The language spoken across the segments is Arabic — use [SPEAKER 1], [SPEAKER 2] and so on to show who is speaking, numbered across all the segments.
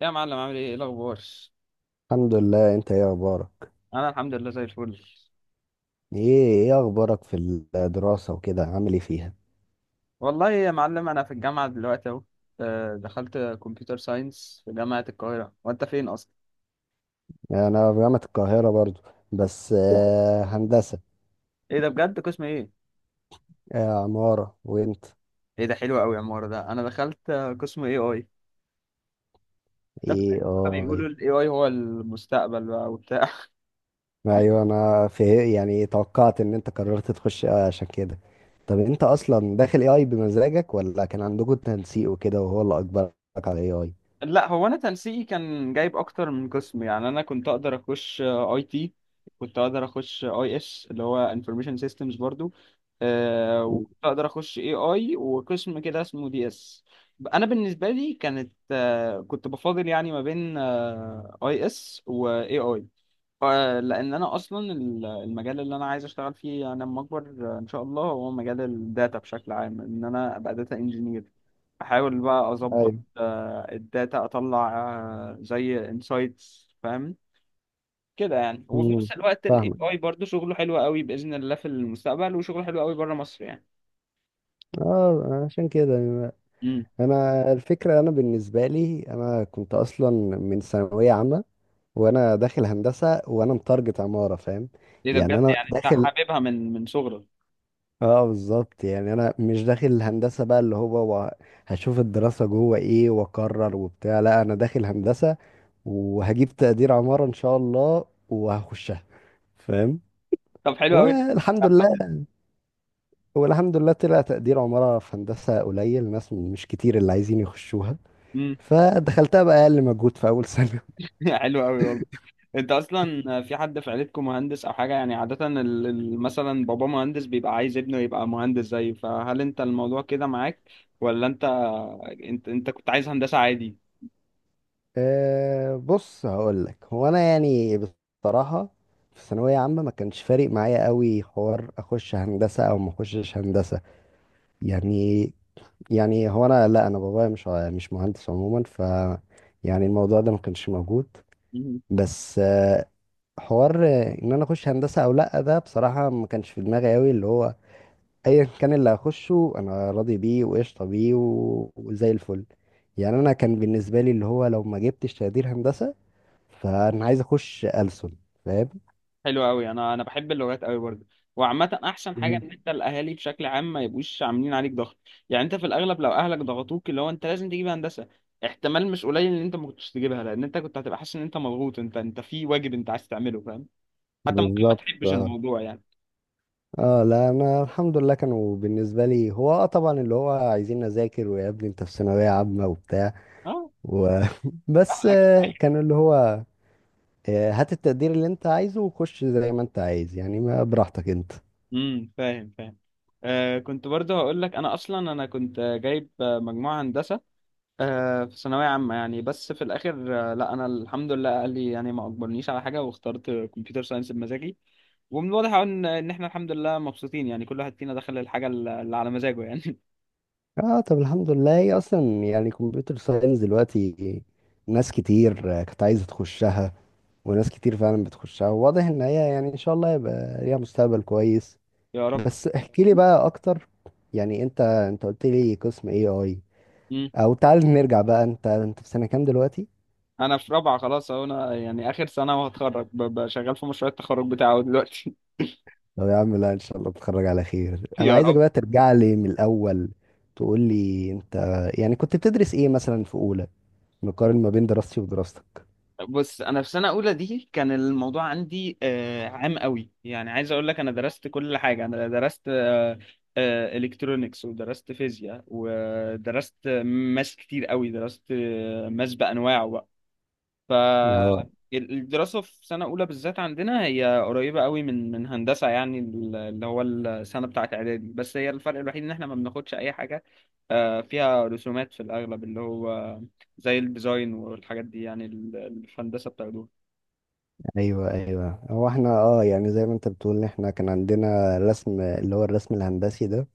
[SPEAKER 1] يا معلم، عامل ايه؟ ايه الاخبار؟
[SPEAKER 2] الحمد لله. انت ايه اخبارك؟
[SPEAKER 1] انا الحمد لله زي الفل.
[SPEAKER 2] ايه اخبارك في الدراسة وكده، عامل ايه فيها؟
[SPEAKER 1] والله يا معلم، انا في الجامعه دلوقتي اهو. دخلت كمبيوتر ساينس في جامعه القاهره. وانت فين اصلا؟
[SPEAKER 2] يعني انا في جامعة القاهرة برضو، بس هندسة.
[SPEAKER 1] ايه ده بجد، قسم ايه؟
[SPEAKER 2] عمارة. وانت؟
[SPEAKER 1] ايه ده حلو قوي يا عمار. ده انا دخلت قسم اي اي.
[SPEAKER 2] ايه
[SPEAKER 1] بيقولوا
[SPEAKER 2] ايه؟
[SPEAKER 1] الاي اي هو المستقبل بقى وبتاع.
[SPEAKER 2] ايوه، انا في، يعني توقعت ان انت قررت تخش، عشان كده. طب انت اصلا داخل اي اي بمزاجك، ولا كان عندكم تنسيق وكده وهو اللي اجبرك على اي اي؟
[SPEAKER 1] لا، هو انا تنسيقي كان جايب اكتر من قسم. يعني انا كنت اقدر اخش اي تي، كنت اقدر اخش اي اس اللي هو انفورميشن سيستمز برضو، وكنت اقدر اخش اي اي، وقسم كده اسمه دي اس. انا بالنسبه لي كانت، كنت بفاضل يعني ما بين اي اس واي اي. لان انا اصلا المجال اللي انا عايز اشتغل فيه انا لما اكبر، ان شاء الله، هو مجال الداتا بشكل عام. ان انا ابقى داتا انجينير، احاول بقى اظبط
[SPEAKER 2] ايوه.
[SPEAKER 1] الداتا، اطلع زي انسايتس، فاهم كده يعني. وفي
[SPEAKER 2] مم،
[SPEAKER 1] نفس الوقت الاي
[SPEAKER 2] فاهمك.
[SPEAKER 1] اي برضه شغله حلو قوي باذن الله في المستقبل، وشغله حلو قوي بره مصر يعني.
[SPEAKER 2] اه، عشان كده يعني.
[SPEAKER 1] امم.
[SPEAKER 2] انا الفكره، انا بالنسبه لي انا كنت اصلا من ثانويه عامه، وانا داخل هندسه، وانا متارجت عماره، فاهم؟
[SPEAKER 1] ايه ده
[SPEAKER 2] يعني
[SPEAKER 1] بجد؟
[SPEAKER 2] انا
[SPEAKER 1] يعني انت
[SPEAKER 2] داخل،
[SPEAKER 1] حاببها من صغرك؟
[SPEAKER 2] اه بالظبط، يعني انا مش داخل الهندسه بقى اللي هو هشوف الدراسه جوه ايه واقرر وبتاع. لا، انا داخل هندسه وهجيب تقدير عماره ان شاء الله وهخشها، فاهم؟
[SPEAKER 1] طب حلو قوي انك.
[SPEAKER 2] والحمد لله. والحمد لله طلع تقدير عماره. في هندسه قليل ناس، مش كتير اللي عايزين يخشوها،
[SPEAKER 1] امم.
[SPEAKER 2] فدخلتها بقى اقل مجهود في اول سنه.
[SPEAKER 1] حلو قوي والله. انت اصلا في حد في عيلتكم مهندس او حاجه؟ يعني عاده مثلا بابا مهندس بيبقى عايز ابنه يبقى مهندس زيه، فهل انت الموضوع كده معاك؟ ولا انت، انت كنت عايز هندسه عادي؟
[SPEAKER 2] أه، بص هقول لك، هو انا يعني بصراحه في ثانويه عامه ما كانش فارق معايا قوي حوار اخش هندسه او ما اخشش هندسه يعني. يعني هو انا، لا انا بابايا مش مش مهندس عموما، ف يعني الموضوع ده ما كانش موجود. بس أه، حوار ان انا اخش هندسه او لا، ده بصراحه ما كانش في دماغي قوي، اللي هو ايا كان اللي هخشه انا راضي بيه وقشطه بيه، وزي الفل. يعني انا كان بالنسبه لي اللي هو لو ما جبتش تقدير هندسه فانا عايز اخش ألسن، فاهم؟
[SPEAKER 1] حلو قوي. انا بحب اللغات قوي برضه. وعامه احسن حاجه
[SPEAKER 2] مم.
[SPEAKER 1] ان انت الاهالي بشكل عام ما يبقوش عاملين عليك ضغط. يعني انت في الاغلب لو اهلك ضغطوك اللي هو انت لازم تجيب هندسه، احتمال مش قليل ان انت ما كنتش تجيبها، لان انت كنت هتبقى حاسس ان انت مضغوط، انت في واجب انت عايز تعمله، فاهم؟ حتى ممكن ما
[SPEAKER 2] بالظبط،
[SPEAKER 1] تحبش
[SPEAKER 2] اه.
[SPEAKER 1] الموضوع يعني.
[SPEAKER 2] لا انا الحمد لله، كانوا بالنسبه لي هو اه طبعا اللي هو عايزين اذاكر ويا ابني انت في ثانويه عامه وبتاع،
[SPEAKER 1] اه،
[SPEAKER 2] و... بس
[SPEAKER 1] اهلك.
[SPEAKER 2] كان اللي هو هات التقدير اللي انت عايزه وخش زي ما انت عايز، يعني ما براحتك انت.
[SPEAKER 1] امم، فاهم فاهم. آه كنت برضه هقول لك، انا كنت جايب مجموعه هندسه في ثانوية عامة يعني. بس في الآخر، لا، أنا الحمد لله أهلي يعني ما أجبرنيش على حاجة، واخترت كمبيوتر ساينس بمزاجي. ومن الواضح أوي إن إحنا الحمد لله مبسوطين، يعني كل واحد فينا دخل الحاجة اللي على مزاجه يعني.
[SPEAKER 2] اه، طب الحمد لله. هي اصلا يعني كمبيوتر ساينس دلوقتي ناس كتير كانت عايزه تخشها، وناس كتير فعلا بتخشها، واضح ان هي يعني ان شاء الله يبقى ليها مستقبل كويس.
[SPEAKER 1] يا رب.
[SPEAKER 2] بس احكي لي بقى اكتر، يعني انت قلت لي قسم اي اي،
[SPEAKER 1] مم.
[SPEAKER 2] او تعال نرجع بقى، انت في سنة كام دلوقتي؟
[SPEAKER 1] أنا في رابعة خلاص أهو، أنا يعني آخر سنة وهتخرج، شغال في مشروع التخرج بتاعه دلوقتي.
[SPEAKER 2] طب يا عم، لا ان شاء الله تتخرج على خير. انا
[SPEAKER 1] يا
[SPEAKER 2] عايزك
[SPEAKER 1] رب.
[SPEAKER 2] بقى ترجع لي من الاول، تقول لي انت يعني كنت بتدرس ايه مثلا في اولى، نقارن ما بين دراستي ودراستك.
[SPEAKER 1] بص، انا في سنه اولى دي كان الموضوع عندي عام قوي. يعني عايز اقول لك، انا درست كل حاجه. انا درست الكترونكس ودرست فيزياء ودرست ماس كتير قوي، درست ماس بانواعه.
[SPEAKER 2] اه،
[SPEAKER 1] فالدراسة في سنة أولى بالذات عندنا هي قريبة قوي من هندسة، يعني اللي هو السنة بتاعة إعدادي. بس هي الفرق الوحيد إن إحنا ما بناخدش أي حاجة فيها رسومات في الأغلب، اللي هو زي الديزاين والحاجات دي، يعني اللي في هندسة بتاخدوها.
[SPEAKER 2] ايوه ايوه، هو احنا يعني زي ما انت بتقول احنا كان عندنا رسم، اللي هو الرسم الهندسي ده.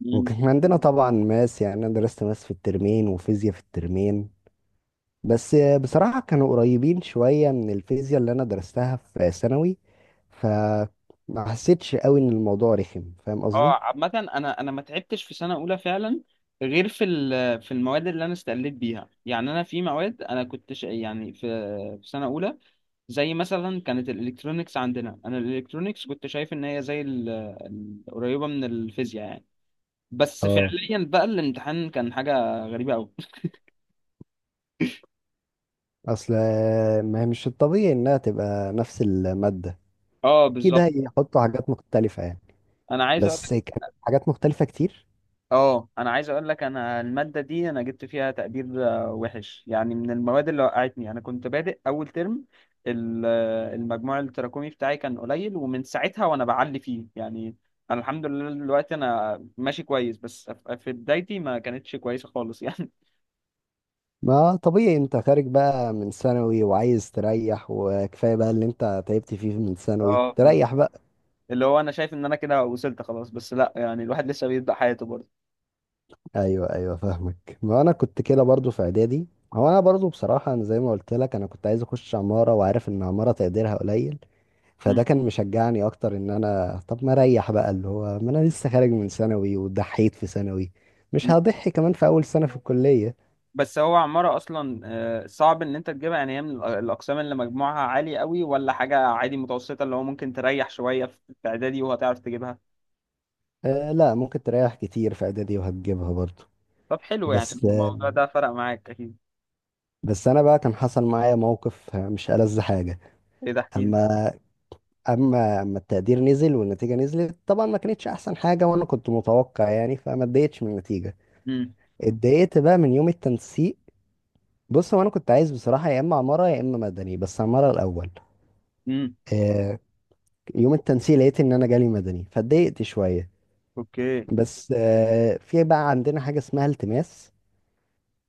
[SPEAKER 1] مم.
[SPEAKER 2] وكان عندنا طبعا ماس. يعني انا درست ماس في الترمين وفيزياء في الترمين، بس بصراحة كانوا قريبين شوية من الفيزياء اللي أنا درستها في ثانوي، فما حسيتش قوي إن الموضوع رخم، فاهم قصدي؟
[SPEAKER 1] اه عامة، أنا ما تعبتش في سنة أولى فعلا، غير في في المواد اللي أنا استقليت بيها. يعني أنا في مواد أنا كنت يعني في سنة أولى، زي مثلا كانت الالكترونيكس عندنا. انا الالكترونيكس كنت شايف ان هي زي قريبه من الفيزياء يعني. بس
[SPEAKER 2] اه،
[SPEAKER 1] فعليا بقى الامتحان كان حاجه غريبه قوي.
[SPEAKER 2] أصل ما هي مش الطبيعي إنها تبقى نفس المادة،
[SPEAKER 1] اه
[SPEAKER 2] أكيد
[SPEAKER 1] بالظبط.
[SPEAKER 2] هيحطوا حاجات مختلفة يعني.
[SPEAKER 1] انا عايز اقول لك
[SPEAKER 2] بس كانت حاجات مختلفة كتير.
[SPEAKER 1] اه انا عايز اقول لك، انا الماده دي انا جبت فيها تقدير وحش، يعني من المواد اللي وقعتني. انا كنت بادئ اول ترم، المجموع التراكمي بتاعي كان قليل، ومن ساعتها وانا بعلي فيه يعني. انا الحمد لله دلوقتي انا ماشي كويس، بس في بدايتي ما كانتش كويسه خالص يعني.
[SPEAKER 2] ما طبيعي، أنت خارج بقى من ثانوي وعايز تريح، وكفاية بقى اللي أنت تعبت فيه من ثانوي،
[SPEAKER 1] اه،
[SPEAKER 2] تريح بقى.
[SPEAKER 1] اللي هو انا شايف ان انا كده وصلت خلاص، بس لا، يعني الواحد لسه بيبدأ حياته برضه.
[SPEAKER 2] ايوه ايوه فاهمك، ما انا كنت كده برضو في اعدادي. هو انا برضو بصراحه انا زي ما قلت لك انا كنت عايز اخش عماره وعارف ان عماره تقديرها قليل، فده
[SPEAKER 1] مم.
[SPEAKER 2] كان مشجعني اكتر ان انا طب ما اريح بقى، اللي هو ما انا لسه خارج من ثانوي وضحيت في ثانوي، مش
[SPEAKER 1] مم.
[SPEAKER 2] هضحي كمان في اول سنه في الكليه.
[SPEAKER 1] بس هو عمارة اصلا صعب ان انت تجيبها. يعني هي من الاقسام اللي مجموعها عالي قوي، ولا حاجة عادي متوسطة اللي هو ممكن تريح شوية في في اعدادي وهتعرف تجيبها؟
[SPEAKER 2] لا، ممكن تريح كتير في اعدادي وهتجيبها برضو.
[SPEAKER 1] طب حلو، يعني
[SPEAKER 2] بس آه،
[SPEAKER 1] الموضوع ده فرق معاك اكيد.
[SPEAKER 2] بس انا بقى كان حصل معايا موقف مش ألذ حاجه.
[SPEAKER 1] ايه ده، احكي لي.
[SPEAKER 2] اما اما التقدير نزل والنتيجه نزلت طبعا، ما كانتش احسن حاجه وانا كنت متوقع يعني، فما اتضايقتش من النتيجه.
[SPEAKER 1] امم.
[SPEAKER 2] اتضايقت بقى من يوم التنسيق. بص، هو انا كنت عايز بصراحه يا اما عماره يا اما مدني، بس عماره الاول.
[SPEAKER 1] امم.
[SPEAKER 2] آه، يوم التنسيق لقيت ان انا جالي مدني فاتضايقت شويه.
[SPEAKER 1] اوكي.
[SPEAKER 2] بس في بقى عندنا حاجه اسمها التماس.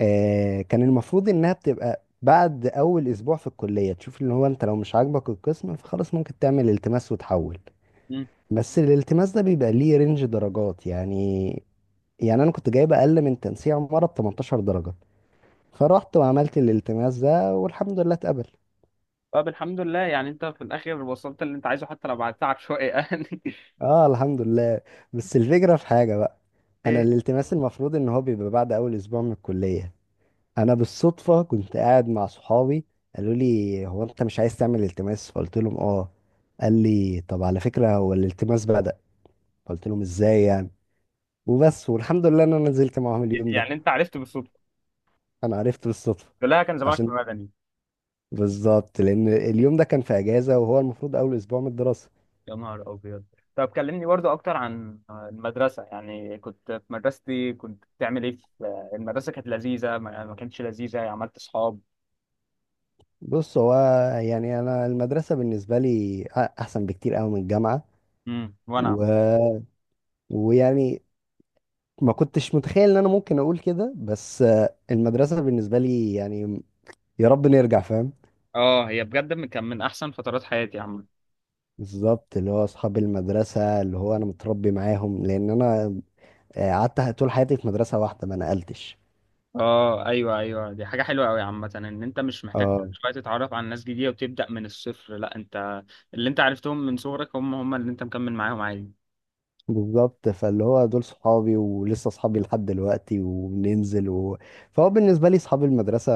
[SPEAKER 2] كان المفروض انها بتبقى بعد اول اسبوع في الكليه تشوف، اللي هو انت لو مش عاجبك القسم فخلاص ممكن تعمل التماس وتحول.
[SPEAKER 1] امم.
[SPEAKER 2] بس الالتماس ده بيبقى ليه رينج درجات يعني، يعني انا كنت جايب اقل من تنسيق عمارة ب 18 درجة، فرحت وعملت الالتماس ده والحمد لله اتقبل.
[SPEAKER 1] طب الحمد لله، يعني انت في الاخر وصلت اللي انت عايزه حتى لو بعد تعب شوية يعني.
[SPEAKER 2] اه الحمد لله. بس الفكرة في حاجة بقى. انا
[SPEAKER 1] ايه؟
[SPEAKER 2] الالتماس المفروض ان هو بيبقى بعد اول اسبوع من الكلية، انا بالصدفة كنت قاعد مع صحابي، قالوا لي هو انت مش عايز تعمل التماس؟ فقلت لهم اه. قال لي طب على فكرة هو الالتماس بدأ. قلت لهم ازاي يعني. وبس، والحمد لله ان انا نزلت معاهم اليوم ده.
[SPEAKER 1] يعني انت عرفت بالصدفة؟
[SPEAKER 2] انا عرفت بالصدفه.
[SPEAKER 1] لا، كان زمانك في
[SPEAKER 2] عشان
[SPEAKER 1] مدني.
[SPEAKER 2] بالظبط، لان اليوم ده كان في اجازه وهو المفروض اول اسبوع من الدراسه.
[SPEAKER 1] يا نهار أبيض. طب كلمني برضو أكتر عن المدرسة. يعني كنت في مدرستي كنت بتعمل إيه؟ في المدرسة كانت لذيذة ما كانتش لذيذة؟ عملت صحاب؟
[SPEAKER 2] بص هو يعني انا المدرسه بالنسبه لي احسن بكتير قوي من الجامعه،
[SPEAKER 1] امم، وأنا.
[SPEAKER 2] و... ويعني ما كنتش متخيل ان انا ممكن اقول كده، بس المدرسه بالنسبه لي يعني يا رب نرجع، فاهم؟
[SPEAKER 1] اه، هي بجد كان من أحسن فترات حياتي يا عم.
[SPEAKER 2] بالظبط، اللي هو اصحاب المدرسه اللي هو انا متربي معاهم، لان انا قعدت طول حياتي في مدرسه واحده ما نقلتش.
[SPEAKER 1] اه، ايوه ايوه، دي حاجه حلوه قوي عامه، ان انت مش محتاج كل
[SPEAKER 2] اه
[SPEAKER 1] شويه تتعرف على ناس جديده وتبدا من الصفر. لا، انت اللي انت عرفتهم من صغرك هم هم اللي انت مكمل معاهم عادي.
[SPEAKER 2] بالظبط، فاللي هو دول صحابي ولسه صحابي لحد دلوقتي وبننزل، و... فهو بالنسبة لي صحاب المدرسة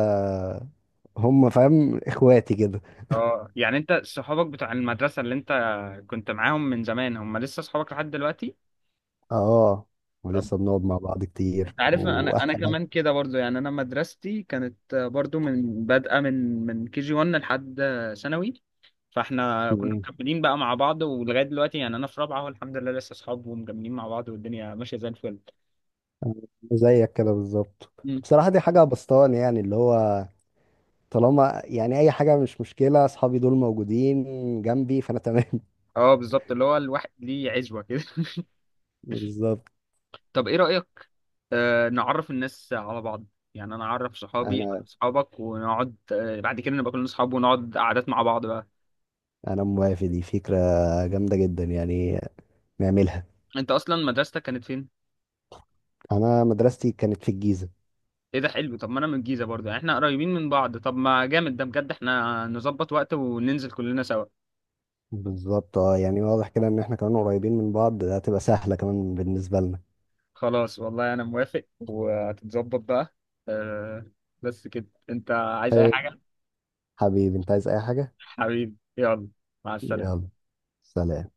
[SPEAKER 2] هم فاهم اخواتي كده.
[SPEAKER 1] اه، يعني انت صحابك بتوع المدرسه اللي انت كنت معاهم من زمان هم لسه صحابك لحد دلوقتي؟
[SPEAKER 2] اه،
[SPEAKER 1] طب
[SPEAKER 2] ولسه بنقعد مع بعض كتير،
[SPEAKER 1] انت عارف، انا
[SPEAKER 2] واحسن
[SPEAKER 1] انا
[SPEAKER 2] حاجة.
[SPEAKER 1] كمان كده برضو. يعني انا مدرستي كانت برضو من بادئه، من كي جي 1 لحد ثانوي. فاحنا كنا
[SPEAKER 2] مم.
[SPEAKER 1] مكملين بقى مع بعض ولغايه دلوقتي، يعني انا في رابعه اهو الحمد لله لسه اصحاب ومكملين مع بعض والدنيا ماشيه زي الفل.
[SPEAKER 2] زيك كده بالظبط.
[SPEAKER 1] مم.
[SPEAKER 2] بصراحة دي حاجة بسطاني، يعني اللي هو طالما يعني اي حاجة مش مشكلة، اصحابي دول موجودين جنبي فانا تمام.
[SPEAKER 1] اه بالظبط، اللي هو الواحد ليه عزوه كده.
[SPEAKER 2] بالظبط.
[SPEAKER 1] طب ايه رايك نعرف الناس على بعض؟ يعني انا اعرف صحابي على
[SPEAKER 2] انا
[SPEAKER 1] صحابك، ونقعد بعد كده نبقى كلنا صحاب ونقعد قعدات مع بعض بقى.
[SPEAKER 2] انا موافق، دي فكرة جامدة جدا يعني، نعملها.
[SPEAKER 1] انت اصلا مدرستك كانت فين؟
[SPEAKER 2] انا مدرستي كانت في الجيزة.
[SPEAKER 1] ايه ده حلو. طب ما انا من الجيزه برضه، يعني احنا قريبين من بعض. طب ما جامد ده بجد، احنا نظبط وقت وننزل كلنا سوا.
[SPEAKER 2] بالظبط، اه يعني واضح كده ان احنا كمان قريبين من بعض، ده هتبقى سهلة كمان بالنسبة لنا.
[SPEAKER 1] خلاص والله، انا موافق وهتتظبط بقى. أه. بس كده انت عايز اي
[SPEAKER 2] طيب،
[SPEAKER 1] حاجه؟
[SPEAKER 2] حبيبي انت عايز اي حاجة.
[SPEAKER 1] حبيبي يلا، مع السلامه.
[SPEAKER 2] يلا، سلام.